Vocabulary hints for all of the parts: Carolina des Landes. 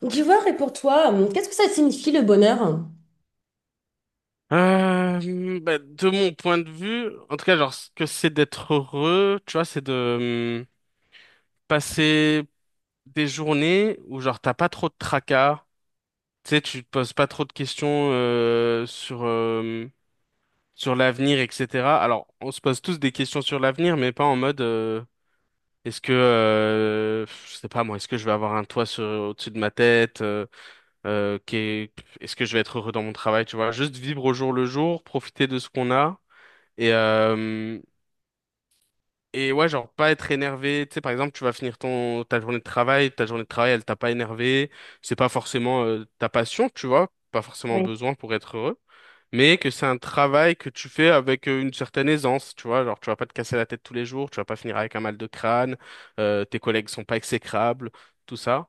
D'ivoire, et pour toi, qu'est-ce que ça signifie le bonheur? Bah, de mon point de vue, en tout cas, genre, ce que c'est d'être heureux, tu vois, c'est de passer des journées où, genre, t'as pas trop de tracas, tu sais, tu te poses pas trop de questions sur, sur l'avenir, etc. Alors, on se pose tous des questions sur l'avenir, mais pas en mode, je sais pas moi, est-ce que je vais avoir un toit au-dessus de ma tête, euh, qu'est- est-ce que je vais être heureux dans mon travail, tu vois, juste vivre au jour le jour, profiter de ce qu'on a. Et, euh, et ouais, genre pas être énervé. Tu sais, par exemple, tu vas finir ta journée de travail, elle t'a pas énervé. C'est pas forcément ta passion, tu vois, pas forcément besoin pour être heureux. Mais que c'est un travail que tu fais avec une certaine aisance, tu vois. Genre, tu vas pas te casser la tête tous les jours, tu vas pas finir avec un mal de crâne, tes collègues sont pas exécrables, tout ça.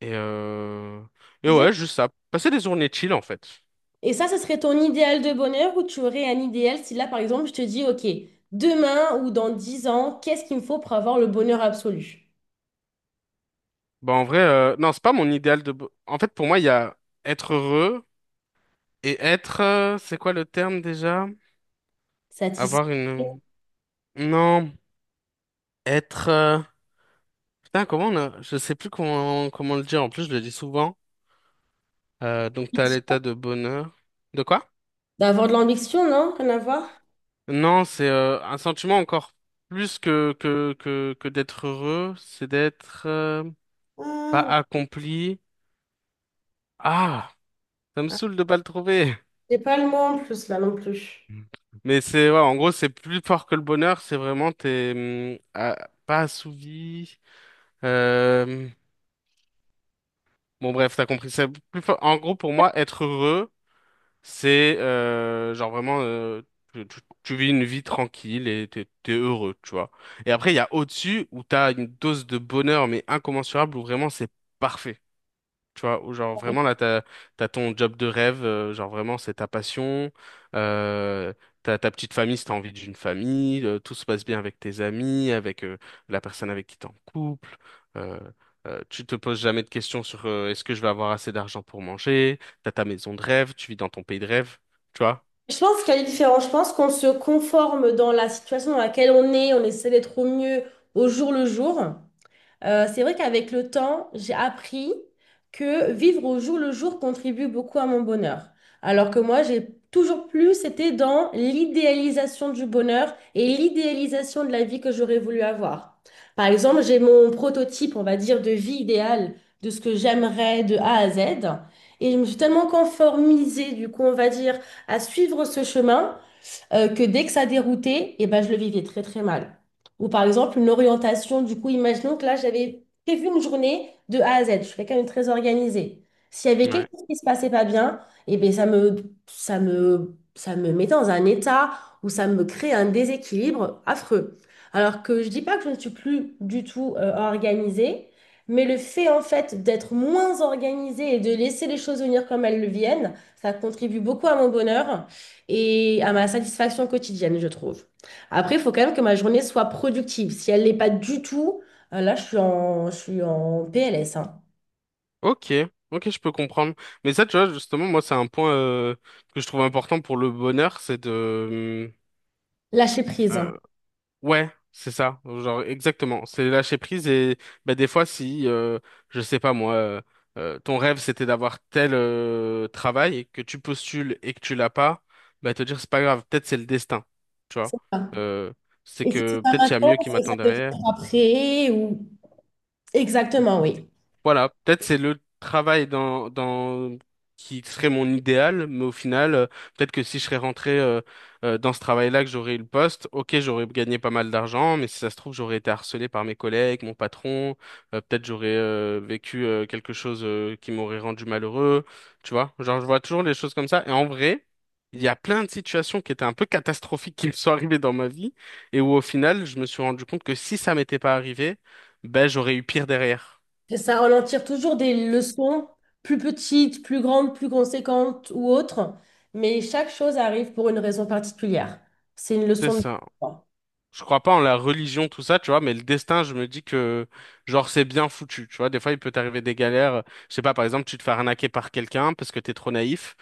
Et, euh... et Je- ouais, juste ça. Passer des journées chill, en fait. Et ça, ce serait ton idéal de bonheur ou tu aurais un idéal si là, par exemple, je te dis, OK, demain ou dans 10 ans, qu'est-ce qu'il me faut pour avoir le bonheur absolu? Bah, en vrai, non, c'est pas mon idéal de. En fait, pour moi, il y a être heureux. Et être, c'est quoi le terme déjà? Satisfait. Avoir une... Non, être... Putain, comment on a... Je sais plus comment le dire, en plus je le dis souvent. Donc t'as l'état de bonheur. De quoi? D'avoir de l'ambition, non? Rien à voir? Non, c'est un sentiment encore plus que d'être heureux, c'est d'être pas Ah, accompli. Ah, ça me ah, saoule de pas le trouver. j'ai pas le mot en plus là non plus. Mais c'est, ouais, en gros, c'est plus fort que le bonheur, c'est vraiment t'es pas assouvi. Euh, Bon bref, t'as compris. En gros, pour moi, être heureux, c'est genre vraiment tu vis une vie tranquille et t'es heureux, tu vois. Et après, il y a au-dessus où t'as une dose de bonheur mais incommensurable où vraiment c'est parfait. Tu vois, ou genre vraiment là, t'as ton job de rêve, genre vraiment c'est ta passion, euh, t'as ta petite famille si t'as envie d'une famille, tout se passe bien avec tes amis, avec la personne avec qui t'es en couple, euh, tu te poses jamais de questions sur est-ce que je vais avoir assez d'argent pour manger, t'as ta maison de rêve, tu vis dans ton pays de rêve, tu vois? Je pense qu'il y a des différences. Je pense qu'on se conforme dans la situation dans laquelle on est, on essaie d'être au mieux au jour le jour. C'est vrai qu'avec le temps, j'ai appris que vivre au jour le jour contribue beaucoup à mon bonheur. Alors que moi, j'ai toujours plus été dans l'idéalisation du bonheur et l'idéalisation de la vie que j'aurais voulu avoir. Par exemple, j'ai mon prototype, on va dire, de vie idéale, de ce que j'aimerais de A à Z. Et je me suis tellement conformisée, du coup, on va dire, à suivre ce chemin que dès que ça déroutait, et ben, je le vivais très très mal. Ou par exemple, une orientation, du coup, imaginons que là, j'avais prévu une journée de A à Z, je suis quelqu'un de très organisé. S'il y avait quelque Ouais. chose qui se passait pas bien, et ben, ça me mettait dans un état où ça me crée un déséquilibre affreux. Alors que je dis pas que je ne suis plus du tout organisée, mais le fait en fait d'être moins organisée et de laisser les choses venir comme elles le viennent, ça contribue beaucoup à mon bonheur et à ma satisfaction quotidienne, je trouve. Après, il faut quand même que ma journée soit productive. Si elle l'est pas du tout, là, je suis en PLS, hein. Ok, ok, je peux comprendre. Mais ça, tu vois, justement, moi, c'est un point que je trouve important pour le bonheur, c'est de... Lâcher prise, hein. Ouais, c'est ça, genre exactement. C'est lâcher prise et bah, des fois si je sais pas moi, ton rêve c'était d'avoir tel travail et que tu postules et que tu l'as pas, bah te dire c'est pas grave, peut-être c'est le destin, tu vois. C'est ça. Euh, c'est Et si c'est que pas peut-être il y a maintenant, mieux qui c'est que m'attend ça peut derrière. être après ou... Exactement, oui. Voilà, peut-être c'est le travail dans qui serait mon idéal, mais au final, peut-être que si je serais rentré dans ce travail-là, que j'aurais eu le poste, ok, j'aurais gagné pas mal d'argent, mais si ça se trouve, j'aurais été harcelé par mes collègues, mon patron, peut-être j'aurais vécu quelque chose qui m'aurait rendu malheureux, tu vois. Genre, je vois toujours les choses comme ça, et en vrai, il y a plein de situations qui étaient un peu catastrophiques qui me sont arrivées dans ma vie, et où au final, je me suis rendu compte que si ça m'était pas arrivé, ben j'aurais eu pire derrière. C'est ça, on en tire toujours des leçons plus petites, plus grandes, plus conséquentes ou autres, mais chaque chose arrive pour une raison particulière. C'est une C'est leçon de... ça. Je crois pas en la religion, tout ça, tu vois, mais le destin, je me dis que, genre, c'est bien foutu, tu vois. Des fois, il peut t'arriver des galères. Je sais pas, par exemple, tu te fais arnaquer par quelqu'un parce que t'es trop naïf.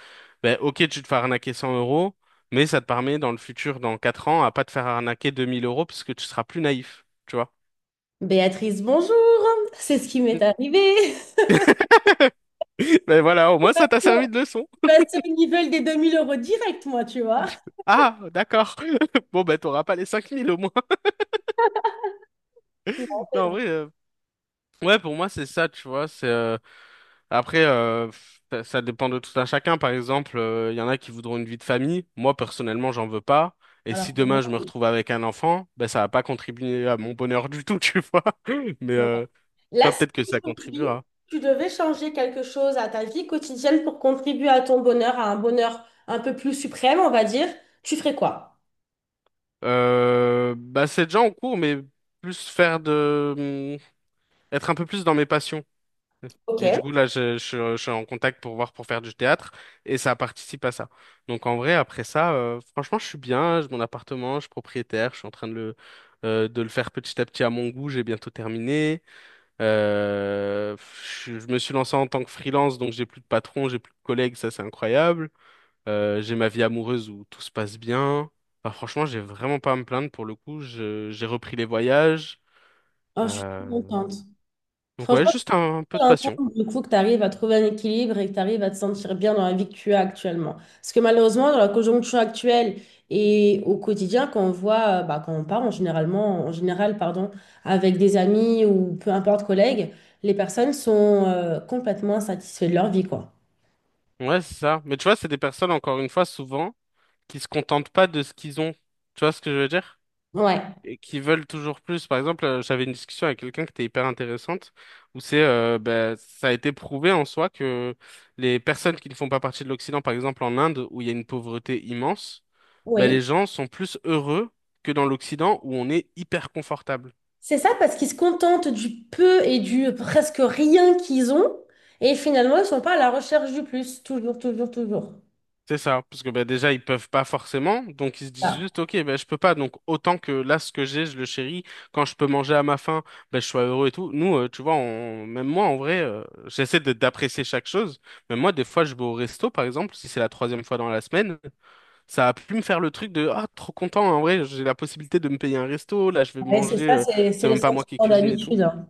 Ben, ok, tu te fais arnaquer 100 euros, mais ça te permet, dans le futur, dans 4 ans, à pas te faire arnaquer 2 000 euros parce que tu seras plus naïf, tu vois. Béatrice, bonjour. C'est ce qui m'est arrivé. Ben voilà, au moins, ça t'a Bon, servi de leçon. passer au niveau des 2 000 euros direct, moi, tu vois. Ah, d'accord. Bon, ben, t'auras pas les 5 000 au moins. Non, c'est Non, en vrai. vrai, ouais, pour moi, c'est ça, tu vois. C'est Après, ça ça dépend de tout un chacun. Par exemple, il y en a qui voudront une vie de famille. Moi, personnellement, j'en veux pas. Et Alors, si pour demain moi, je me retrouve avec un enfant, ben ça va pas contribuer à mon bonheur du tout, tu vois. Mais ouais. Là, toi, si peut-être que ça aujourd'hui, contribuera. tu devais changer quelque chose à ta vie quotidienne pour contribuer à ton bonheur, à un bonheur un peu plus suprême, on va dire, tu ferais quoi? Bah, c'est déjà en cours, mais plus faire être un peu plus dans mes passions. Ok. Et du coup, là, je suis en contact pour voir pour faire du théâtre et ça participe à ça. Donc, en vrai, après ça, franchement, je suis bien. J'ai mon appartement, je suis propriétaire, je suis en train de le faire petit à petit à mon goût. J'ai bientôt terminé. Euh, je me suis lancé en tant que freelance, donc j'ai plus de patron, j'ai plus de collègues, ça, c'est incroyable. J'ai ma vie amoureuse où tout se passe bien. Enfin, franchement, j'ai vraiment pas à me plaindre pour le coup. J'ai repris les voyages. Oh, je suis Euh, contente. donc, ouais, Franchement, juste un peu de un temps, passion. du coup, que tu arrives à trouver un équilibre et que tu arrives à te sentir bien dans la vie que tu as actuellement. Parce que malheureusement, dans la conjoncture actuelle et au quotidien, quand on voit, bah, quand on part en généralement, en général, pardon, avec des amis ou peu importe collègues, les personnes sont complètement insatisfaites de leur vie, quoi. Ouais, c'est ça. Mais tu vois, c'est des personnes, encore une fois, souvent, qui se contentent pas de ce qu'ils ont. Tu vois ce que je veux dire? Ouais, Et qui veulent toujours plus. Par exemple, j'avais une discussion avec quelqu'un qui était hyper intéressante, où ben, ça a été prouvé en soi que les personnes qui ne font pas partie de l'Occident, par exemple en Inde, où il y a une pauvreté immense, ben, oui. les gens sont plus heureux que dans l'Occident, où on est hyper confortable. C'est ça parce qu'ils se contentent du peu et du presque rien qu'ils ont et finalement, ils ne sont pas à la recherche du plus, toujours, toujours, toujours. C'est ça, parce que bah, déjà ils peuvent pas forcément, donc ils se disent Ah, juste ok, ben je peux pas, donc autant que là ce que j'ai, je le chéris. Quand je peux manger à ma faim, ben je suis heureux et tout. Nous, tu vois, on- même moi en vrai, j'essaie de d'apprécier chaque chose. Mais moi, des fois, je vais au resto par exemple, si c'est la troisième fois dans la semaine, ça a pu me faire le truc de ah trop content hein, en vrai, j'ai la possibilité de me payer un resto, là je vais ouais, c'est manger, ça, c'est c'est c'est le même pas moi qui sentiment cuisine et tout. d'habitude, hein.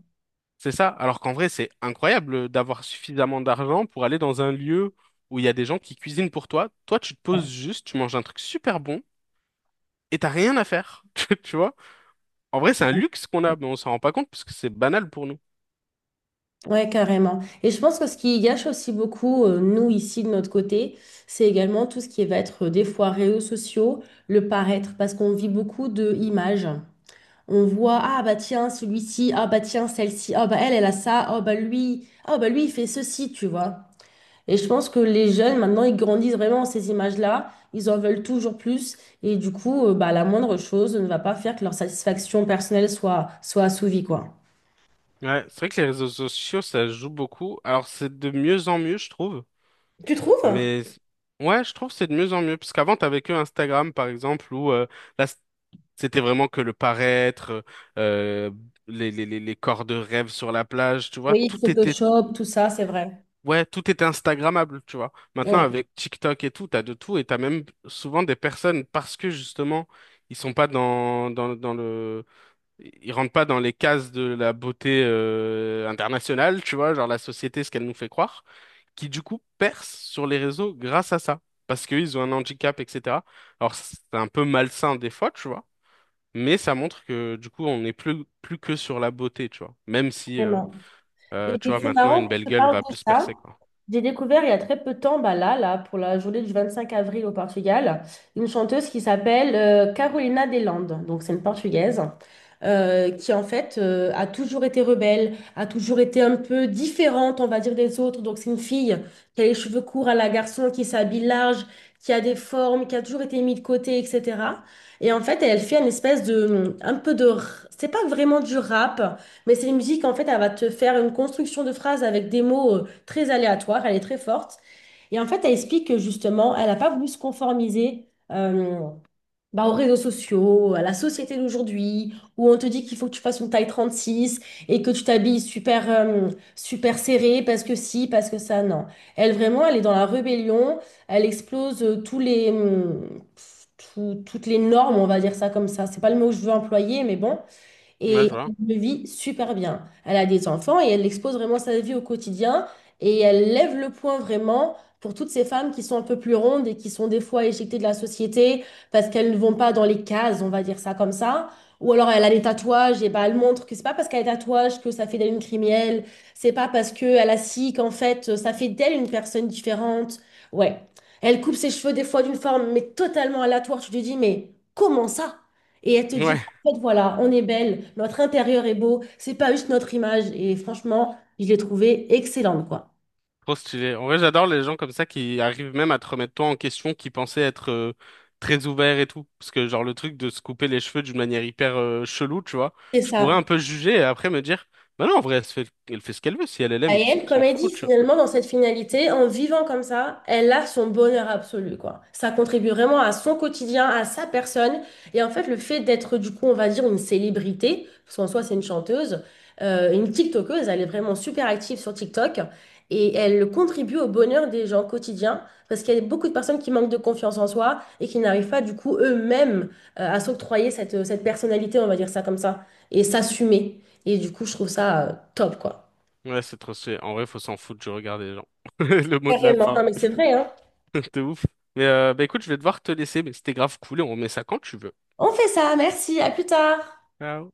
C'est ça. Alors qu'en vrai, c'est incroyable d'avoir suffisamment d'argent pour aller dans un lieu où il y a des gens qui cuisinent pour toi. Toi, tu te Ouais. poses juste, tu manges un truc super bon et t'as rien à faire. Tu vois? En vrai, c'est un luxe qu'on a, mais on s'en rend pas compte parce que c'est banal pour nous. Ouais, carrément. Et je pense que ce qui gâche aussi beaucoup, nous, ici, de notre côté, c'est également tout ce qui va être des fois réseaux sociaux, le paraître, parce qu'on vit beaucoup de images. On voit, ah bah tiens, celui-ci, ah bah tiens, celle-ci, ah bah elle, elle a ça, ah bah lui, il fait ceci, tu vois. Et je pense que les jeunes, maintenant, ils grandissent vraiment en ces images-là, ils en veulent toujours plus, et du coup, bah, la moindre chose ne va pas faire que leur satisfaction personnelle soit, soit assouvie, quoi. Ouais, c'est vrai que les réseaux sociaux, ça joue beaucoup. Alors, c'est de mieux en mieux, je trouve. Tu trouves? Mais ouais, je trouve que c'est de mieux en mieux. Parce qu'avant, t'avais que Instagram, par exemple, où là, c'était vraiment que le paraître, euh, les corps de rêve sur la plage, tu vois, Oui, tout était. Photoshop, tout ça, c'est vrai. Ouais, tout était Instagrammable, tu vois. Maintenant, Oui, avec TikTok et tout, t'as de tout et t'as même souvent des personnes parce que justement, ils sont pas ils rentrent pas dans les cases de la beauté internationale, tu vois, genre la société, ce qu'elle nous fait croire, qui du coup percent sur les réseaux grâce à ça, parce qu'ils ont un handicap, etc. Alors c'est un peu malsain des fois, tu vois, mais ça montre que du coup, on n'est plus plus que sur la beauté, tu vois, même si vraiment. Tu Et vois, c'est maintenant, marrant une que belle tu gueule parles va de plus ça. percer, quoi. J'ai découvert il y a très peu de temps, bah là, là, pour la journée du 25 avril au Portugal, une chanteuse qui s'appelle Carolina des Landes. Donc, c'est une Portugaise qui, en fait, a toujours été rebelle, a toujours été un peu différente, on va dire, des autres. Donc, c'est une fille qui a les cheveux courts à la garçon, qui s'habille large, qui a des formes, qui a toujours été mise de côté, etc. Et en fait, elle fait une espèce de, un peu de, c'est pas vraiment du rap, mais c'est une musique, en fait, elle va te faire une construction de phrases avec des mots, très aléatoire, elle est très forte. Et en fait, elle explique que justement, elle n'a pas voulu se conformiser bah, aux réseaux sociaux, à la société d'aujourd'hui, où on te dit qu'il faut que tu fasses une taille 36 et que tu t'habilles super, super serré parce que si, parce que ça, non. Elle, vraiment, elle est dans la rébellion, elle explose toutes les normes, on va dire ça comme ça. C'est pas le mot que je veux employer, mais bon. Ouais, Et je vois. elle le vit super bien. Elle a des enfants et elle expose vraiment sa vie au quotidien. Et elle lève le point vraiment pour toutes ces femmes qui sont un peu plus rondes et qui sont des fois éjectées de la société parce qu'elles ne vont pas dans les cases, on va dire ça comme ça. Ou alors elle a des tatouages et bah elle montre que c'est pas parce qu'elle a des tatouages que ça fait d'elle une criminelle. C'est pas parce qu'elle a ci qu'en fait ça fait d'elle une personne différente. Ouais. Elle coupe ses cheveux des fois d'une forme mais totalement aléatoire. Tu te dis mais comment ça? Et elle te dit Ouais, en fait, voilà, on est belle, notre intérieur est beau, c'est pas juste notre image. Et franchement, je l'ai trouvée excellente, quoi. trop stylé. En vrai, j'adore les gens comme ça qui arrivent même à te remettre toi en question, qui pensaient être très ouverts et tout. Parce que, genre, le truc de se couper les cheveux d'une manière hyper chelou, tu vois, C'est je pourrais ça. un peu juger et après me dire, bah non, en vrai, elle se fait, elle fait ce qu'elle veut. Si elle elle aime, Et qu'est-ce elle, qu'on comme s'en elle dit, fout, tu vois. finalement, dans cette finalité, en vivant comme ça, elle a son bonheur absolu, quoi. Ça contribue vraiment à son quotidien, à sa personne. Et en fait, le fait d'être, du coup, on va dire une célébrité, parce qu'en soi, c'est une chanteuse, une TikTokeuse, elle est vraiment super active sur TikTok. Et elle contribue au bonheur des gens quotidiens, parce qu'il y a beaucoup de personnes qui manquent de confiance en soi et qui n'arrivent pas, du coup, eux-mêmes, à s'octroyer cette, cette personnalité, on va dire ça comme ça, et s'assumer. Et du coup, je trouve ça, top, quoi. Ouais, c'est trop stylé. En vrai, faut s'en foutre, je regarde les gens. Le mot de la Carrément, non fin. mais c'est vrai, hein. De ouf. Mais bah écoute, je vais devoir te laisser, mais c'était grave cool et on remet ça quand tu veux. On fait ça, merci, à plus tard. Ciao.